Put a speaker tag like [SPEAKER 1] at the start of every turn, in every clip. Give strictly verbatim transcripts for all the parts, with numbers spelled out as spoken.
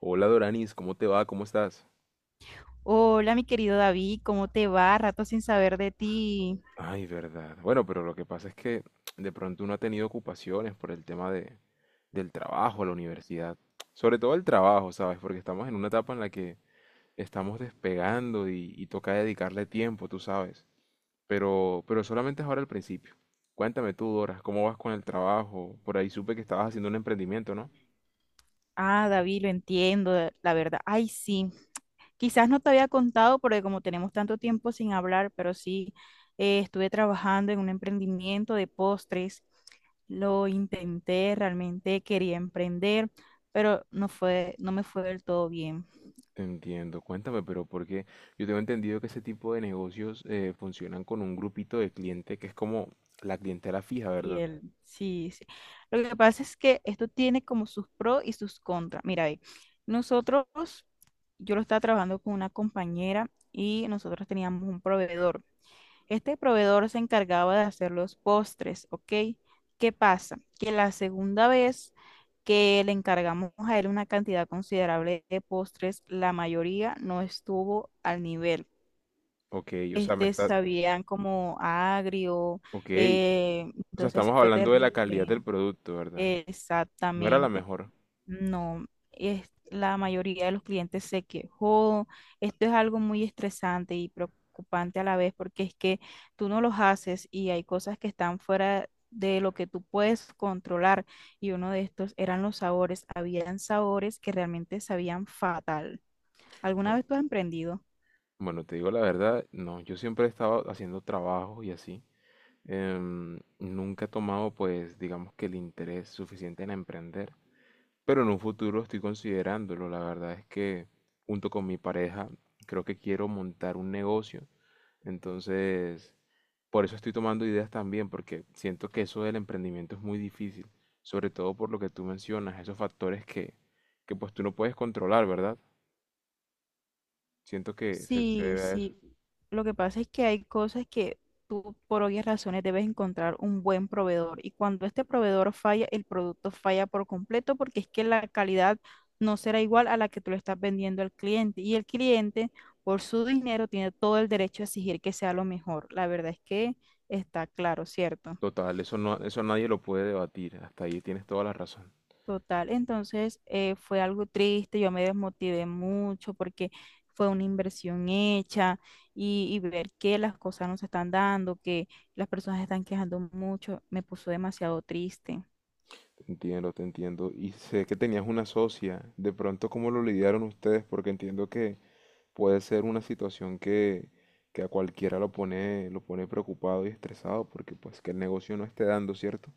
[SPEAKER 1] Hola Doranis, ¿cómo te va? ¿Cómo estás?
[SPEAKER 2] Hola, mi querido David, ¿cómo te va? Rato sin saber de ti.
[SPEAKER 1] Ay, verdad. Bueno, pero lo que pasa es que de pronto uno ha tenido ocupaciones por el tema de, del trabajo, la universidad. Sobre todo el trabajo, ¿sabes? Porque estamos en una etapa en la que estamos despegando y, y toca dedicarle tiempo, tú sabes. Pero, pero solamente es ahora el principio. Cuéntame tú, Dora, ¿cómo vas con el trabajo? Por ahí supe que estabas haciendo un emprendimiento, ¿no?
[SPEAKER 2] Ah, David, lo entiendo, eh, la verdad. Ay, sí. Quizás no te había contado porque como tenemos tanto tiempo sin hablar, pero sí, eh, estuve trabajando en un emprendimiento de postres. Lo intenté, realmente quería emprender, pero no fue, no me fue del todo bien.
[SPEAKER 1] Entiendo, cuéntame, pero porque yo tengo entendido que ese tipo de negocios eh, funcionan con un grupito de cliente que es como la clientela fija, ¿verdad?
[SPEAKER 2] Fiel, sí, sí. Lo que pasa es que esto tiene como sus pros y sus contras. Mira, ve, nosotros, yo lo estaba trabajando con una compañera y nosotros teníamos un proveedor. Este proveedor se encargaba de hacer los postres, ¿ok? ¿Qué pasa? Que la segunda vez que le encargamos a él una cantidad considerable de postres, la mayoría no estuvo al nivel.
[SPEAKER 1] Ok, o sea, me
[SPEAKER 2] Este
[SPEAKER 1] está,
[SPEAKER 2] sabían como a agrio,
[SPEAKER 1] ok,
[SPEAKER 2] eh,
[SPEAKER 1] o sea,
[SPEAKER 2] entonces
[SPEAKER 1] estamos
[SPEAKER 2] fue
[SPEAKER 1] hablando de la calidad
[SPEAKER 2] terrible.
[SPEAKER 1] del producto, ¿verdad? No era la
[SPEAKER 2] Exactamente.
[SPEAKER 1] mejor.
[SPEAKER 2] No, es, la mayoría de los clientes se quejó. Esto es algo muy estresante y preocupante a la vez porque es que tú no los haces y hay cosas que están fuera de lo que tú puedes controlar. Y uno de estos eran los sabores. Habían sabores que realmente sabían fatal. ¿Alguna
[SPEAKER 1] O-
[SPEAKER 2] vez tú has emprendido?
[SPEAKER 1] Bueno, te digo la verdad, no, yo siempre he estado haciendo trabajos y así. Em, nunca he tomado, pues, digamos que el interés suficiente en emprender. Pero en un futuro estoy considerándolo. La verdad es que junto con mi pareja creo que quiero montar un negocio. Entonces, por eso estoy tomando ideas también, porque siento que eso del emprendimiento es muy difícil, sobre todo por lo que tú mencionas, esos factores que, que pues tú no puedes controlar, ¿verdad? Siento que se, se
[SPEAKER 2] Sí,
[SPEAKER 1] debe a eso.
[SPEAKER 2] sí. Lo que pasa es que hay cosas que tú por obvias razones debes encontrar un buen proveedor y cuando este proveedor falla, el producto falla por completo porque es que la calidad no será igual a la que tú le estás vendiendo al cliente y el cliente por su dinero tiene todo el derecho a exigir que sea lo mejor. La verdad es que está claro, ¿cierto?
[SPEAKER 1] Total, eso no, eso nadie lo puede debatir. Hasta ahí tienes toda la razón.
[SPEAKER 2] Total, entonces eh, fue algo triste, yo me desmotivé mucho porque fue una inversión hecha y, y ver que las cosas no se están dando, que las personas se están quejando mucho, me puso demasiado triste.
[SPEAKER 1] Te entiendo, te entiendo. Y sé que tenías una socia. De pronto, ¿cómo lo lidiaron ustedes? Porque entiendo que puede ser una situación que, que a cualquiera lo pone, lo pone preocupado y estresado porque pues que el negocio no esté dando, ¿cierto?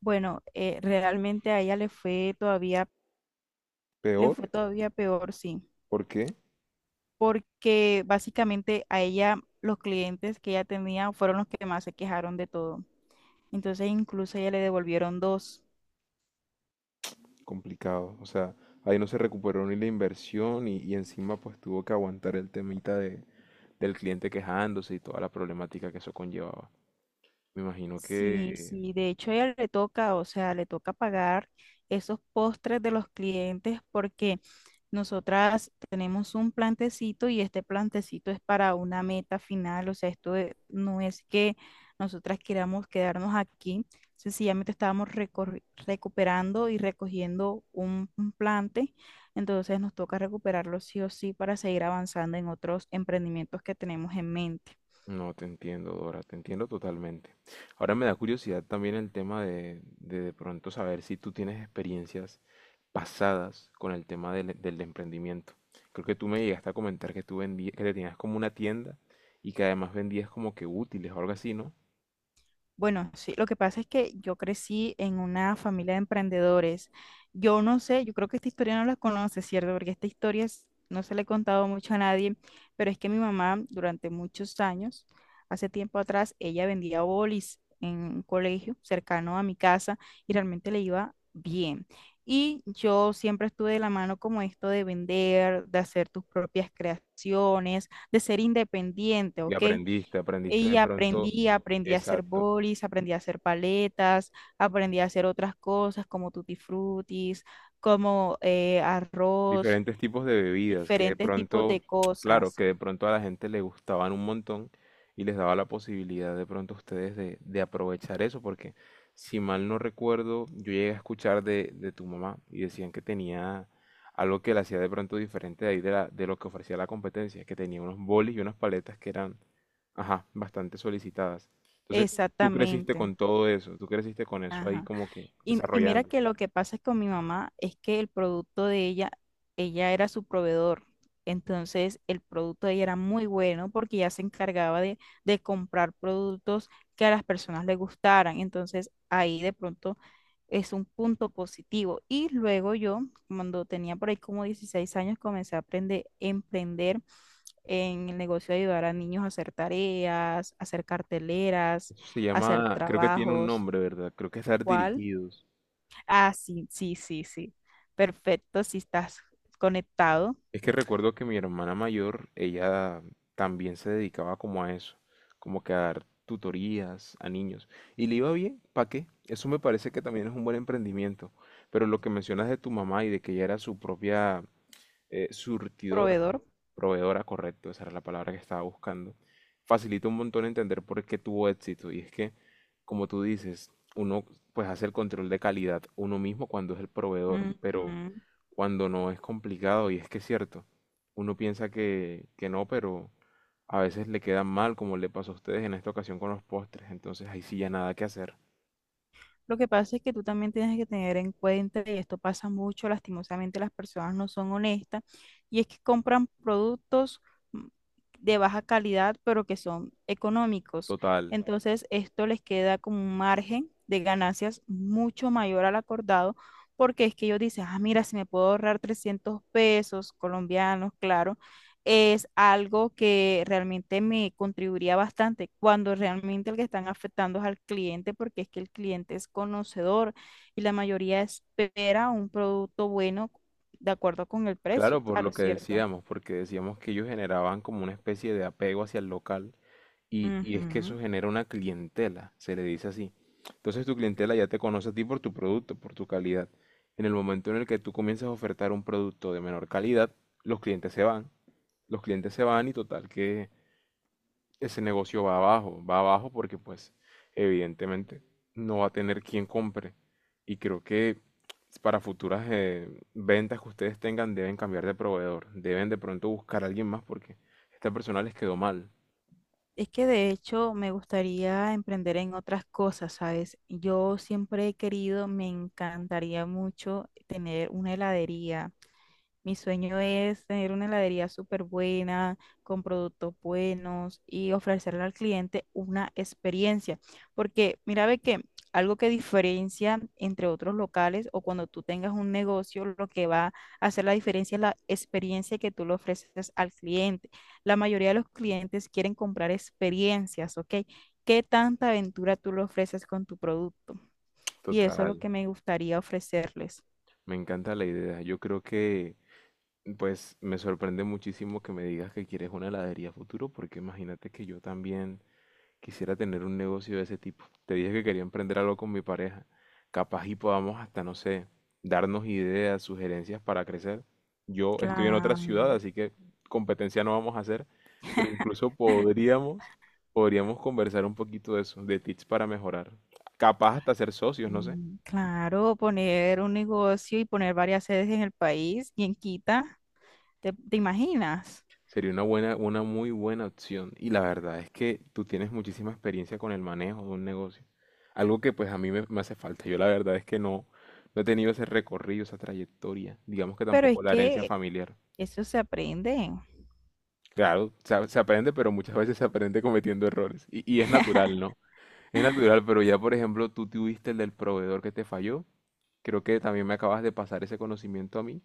[SPEAKER 2] Bueno, eh, realmente a ella le fue todavía, le
[SPEAKER 1] Peor,
[SPEAKER 2] fue todavía peor, sí,
[SPEAKER 1] ¿por qué?
[SPEAKER 2] porque básicamente a ella los clientes que ella tenía fueron los que más se quejaron de todo. Entonces incluso a ella le devolvieron dos.
[SPEAKER 1] Complicado. O sea, ahí no se recuperó ni la inversión y, y encima pues tuvo que aguantar el temita de, del cliente quejándose y toda la problemática que eso conllevaba. Me imagino
[SPEAKER 2] Sí,
[SPEAKER 1] que
[SPEAKER 2] sí, de hecho a ella le toca, o sea, le toca pagar esos postres de los clientes porque nosotras tenemos un plantecito y este plantecito es para una meta final, o sea, esto e- no es que nosotras queramos quedarnos aquí, sencillamente estábamos recorri- recuperando y recogiendo un, un plante, entonces nos toca recuperarlo sí o sí para seguir avanzando en otros emprendimientos que tenemos en mente.
[SPEAKER 1] no, te entiendo, Dora, te entiendo totalmente. Ahora me da curiosidad también el tema de de, de pronto saber si tú tienes experiencias pasadas con el tema del, del emprendimiento. Creo que tú me llegaste a comentar que tú vendías, que tenías como una tienda y que además vendías como que útiles o algo así, ¿no?
[SPEAKER 2] Bueno, sí, lo que pasa es que yo crecí en una familia de emprendedores. Yo no sé, yo creo que esta historia no la conoces, ¿cierto? Porque esta historia es- no se la he contado mucho a nadie, pero es que mi mamá durante muchos años, hace tiempo atrás, ella vendía bolis en un colegio cercano a mi casa y realmente le iba bien. Y yo siempre estuve de la mano como esto de vender, de hacer tus propias creaciones, de ser independiente,
[SPEAKER 1] Y
[SPEAKER 2] ¿ok?
[SPEAKER 1] aprendiste, aprendiste
[SPEAKER 2] Y
[SPEAKER 1] de pronto,
[SPEAKER 2] aprendí, aprendí a hacer
[SPEAKER 1] exacto.
[SPEAKER 2] bolis, aprendí a hacer paletas, aprendí a hacer otras cosas como tutti frutis, como eh, arroz,
[SPEAKER 1] Diferentes tipos de bebidas que de
[SPEAKER 2] diferentes tipos
[SPEAKER 1] pronto,
[SPEAKER 2] de
[SPEAKER 1] claro,
[SPEAKER 2] cosas.
[SPEAKER 1] que de pronto a la gente le gustaban un montón y les daba la posibilidad de pronto a ustedes de, de aprovechar eso, porque si mal no recuerdo, yo llegué a escuchar de, de tu mamá y decían que tenía algo que la hacía de pronto diferente de ahí de, la- de lo que ofrecía la competencia, que tenía unos bolis y unas paletas que eran, ajá, bastante solicitadas. Entonces, tú creciste
[SPEAKER 2] Exactamente.
[SPEAKER 1] con todo eso, tú creciste con eso ahí
[SPEAKER 2] Ajá.
[SPEAKER 1] como que
[SPEAKER 2] Y, y mira
[SPEAKER 1] desarrollando.
[SPEAKER 2] que lo que pasa es con mi mamá es que el producto de ella, ella era su proveedor. Entonces el producto de ella era muy bueno porque ella se encargaba de, de comprar productos que a las personas les gustaran. Entonces ahí de pronto es un punto positivo. Y luego yo, cuando tenía por ahí como dieciséis años, comencé a aprender, emprender en el negocio de ayudar a niños a hacer tareas, hacer carteleras,
[SPEAKER 1] Eso se
[SPEAKER 2] hacer
[SPEAKER 1] llama, creo que tiene un
[SPEAKER 2] trabajos.
[SPEAKER 1] nombre, ¿verdad? Creo que es dar
[SPEAKER 2] ¿Cuál?
[SPEAKER 1] dirigidos.
[SPEAKER 2] Ah, sí, sí, sí, sí. Perfecto, si estás conectado,
[SPEAKER 1] Es que recuerdo que mi hermana mayor, ella también se dedicaba como a eso, como que a dar tutorías a niños. Y le iba bien, ¿para qué? Eso me parece que también es un buen emprendimiento. Pero lo que mencionas de tu mamá y de que ella era su propia eh, surtidora,
[SPEAKER 2] proveedor.
[SPEAKER 1] proveedora, correcto, esa era la palabra que estaba buscando, facilita un montón entender por qué tuvo éxito. Y es que, como tú dices, uno pues hace el control de calidad uno mismo cuando es el proveedor, pero
[SPEAKER 2] Ujú.
[SPEAKER 1] cuando no es complicado, y es que es cierto, uno piensa que, que no, pero a veces le quedan mal, como le pasó a ustedes en esta ocasión con los postres, entonces ahí sí ya nada que hacer.
[SPEAKER 2] Lo que pasa es que tú también tienes que tener en cuenta, y esto pasa mucho, lastimosamente las personas no son honestas, y es que compran productos mm, de baja calidad, pero que son económicos.
[SPEAKER 1] Total.
[SPEAKER 2] Entonces, esto les queda como un margen de ganancias mucho mayor al acordado, porque es que ellos dicen, ah, mira, si me puedo ahorrar trescientos pesos colombianos, claro, es algo que realmente me contribuiría bastante cuando realmente el que están afectando es al cliente, porque es que el cliente es conocedor y la mayoría espera un producto bueno de acuerdo con el precio,
[SPEAKER 1] Claro, por lo
[SPEAKER 2] claro,
[SPEAKER 1] que
[SPEAKER 2] cierto.
[SPEAKER 1] decíamos, porque decíamos que ellos generaban como una especie de apego hacia el local y, y es que
[SPEAKER 2] Ujú.
[SPEAKER 1] eso genera una clientela, se le dice así. Entonces tu clientela ya te conoce a ti por tu producto, por tu calidad. En el momento en el que tú comienzas a ofertar un producto de menor calidad, los clientes se van, los clientes se van y total que ese negocio va abajo, va abajo porque pues evidentemente no va a tener quien compre. Y creo que para futuras eh, ventas que ustedes tengan deben cambiar de proveedor, deben de pronto buscar a alguien más porque esta persona les quedó mal.
[SPEAKER 2] Es que de hecho me gustaría emprender en otras cosas, ¿sabes? Yo siempre he querido, me encantaría mucho tener una heladería. Mi sueño es tener una heladería súper buena, con productos buenos y ofrecerle al cliente una experiencia. Porque mira, ve que algo que diferencia entre otros locales o cuando tú tengas un negocio, lo que va a hacer la diferencia es la experiencia que tú le ofreces al cliente. La mayoría de los clientes quieren comprar experiencias, ¿ok? ¿Qué tanta aventura tú le ofreces con tu producto? Y eso es
[SPEAKER 1] Total,
[SPEAKER 2] lo que me gustaría ofrecerles.
[SPEAKER 1] me encanta la idea. Yo creo que pues me sorprende muchísimo que me digas que quieres una heladería a futuro porque imagínate que yo también quisiera tener un negocio de ese tipo. Te dije que quería emprender algo con mi pareja. Capaz y podamos hasta, no sé, darnos ideas, sugerencias para crecer. Yo estoy en otra ciudad,
[SPEAKER 2] Claro.
[SPEAKER 1] así que competencia no vamos a hacer, pero incluso podríamos, podríamos conversar un poquito de eso, de tips para mejorar. Capaz hasta ser socios, no sé.
[SPEAKER 2] Mm, claro, poner un negocio y poner varias sedes en el país y en Quita, ¿te, te imaginas?
[SPEAKER 1] Sería una buena, una muy buena opción. Y la verdad es que tú tienes muchísima experiencia con el manejo de un negocio. Algo que pues a mí me, me hace falta. Yo la verdad es que no, no he tenido ese recorrido, esa trayectoria. Digamos que
[SPEAKER 2] Pero es
[SPEAKER 1] tampoco la herencia
[SPEAKER 2] que
[SPEAKER 1] familiar.
[SPEAKER 2] eso se aprende.
[SPEAKER 1] Claro, se, a- se aprende, pero muchas veces se aprende cometiendo errores. Y, y es natural, ¿no? Es natural, pero ya por ejemplo tú tuviste el del proveedor que te falló. Creo que también me acabas de pasar ese conocimiento a mí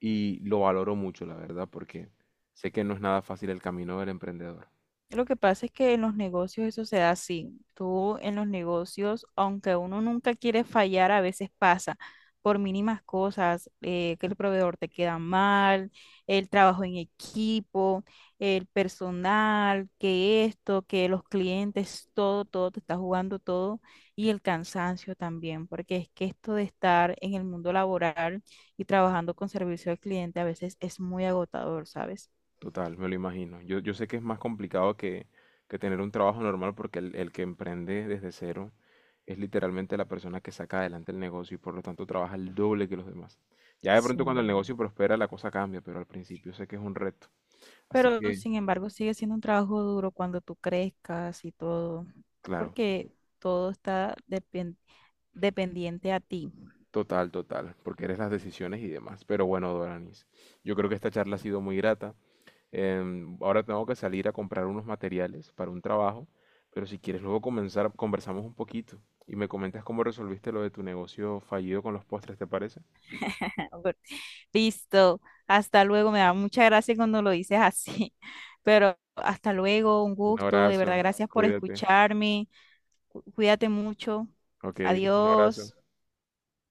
[SPEAKER 1] y lo valoro mucho, la verdad, porque sé que no es nada fácil el camino del emprendedor.
[SPEAKER 2] Lo que pasa es que en los negocios eso se da así. Tú en los negocios, aunque uno nunca quiere fallar, a veces pasa por mínimas cosas, eh, que el proveedor te queda mal, el trabajo en equipo, el personal, que esto, que los clientes, todo, todo, te está jugando todo y el cansancio también, porque es que esto de estar en el mundo laboral y trabajando con servicio al cliente a veces es muy agotador, ¿sabes?
[SPEAKER 1] Total, me lo imagino. Yo, yo sé que es más complicado que, que tener un trabajo normal porque el, el que emprende desde cero es literalmente la persona que saca adelante el negocio y por lo tanto trabaja el doble que los demás. Ya de
[SPEAKER 2] Sí.
[SPEAKER 1] pronto cuando el negocio prospera la cosa cambia, pero al principio sé que es un reto. Así
[SPEAKER 2] Pero
[SPEAKER 1] que,
[SPEAKER 2] sin embargo, sigue siendo un trabajo duro cuando tú crezcas y todo,
[SPEAKER 1] claro,
[SPEAKER 2] porque todo está depen- dependiente a ti.
[SPEAKER 1] total, total, porque eres las decisiones y demás. Pero bueno, Doranis, yo creo que esta charla ha sido muy grata. Em, ahora tengo que salir a comprar unos materiales para un trabajo, pero si quieres luego comenzar, conversamos un poquito y me comentas cómo resolviste lo de tu negocio fallido con los postres, ¿te parece?
[SPEAKER 2] Por- Listo, hasta luego, me da mucha gracia cuando lo dices así, pero hasta luego, un
[SPEAKER 1] Un
[SPEAKER 2] gusto, de verdad,
[SPEAKER 1] abrazo,
[SPEAKER 2] gracias por
[SPEAKER 1] cuídate.
[SPEAKER 2] escucharme, cu- cuídate mucho,
[SPEAKER 1] Ok, un abrazo.
[SPEAKER 2] adiós.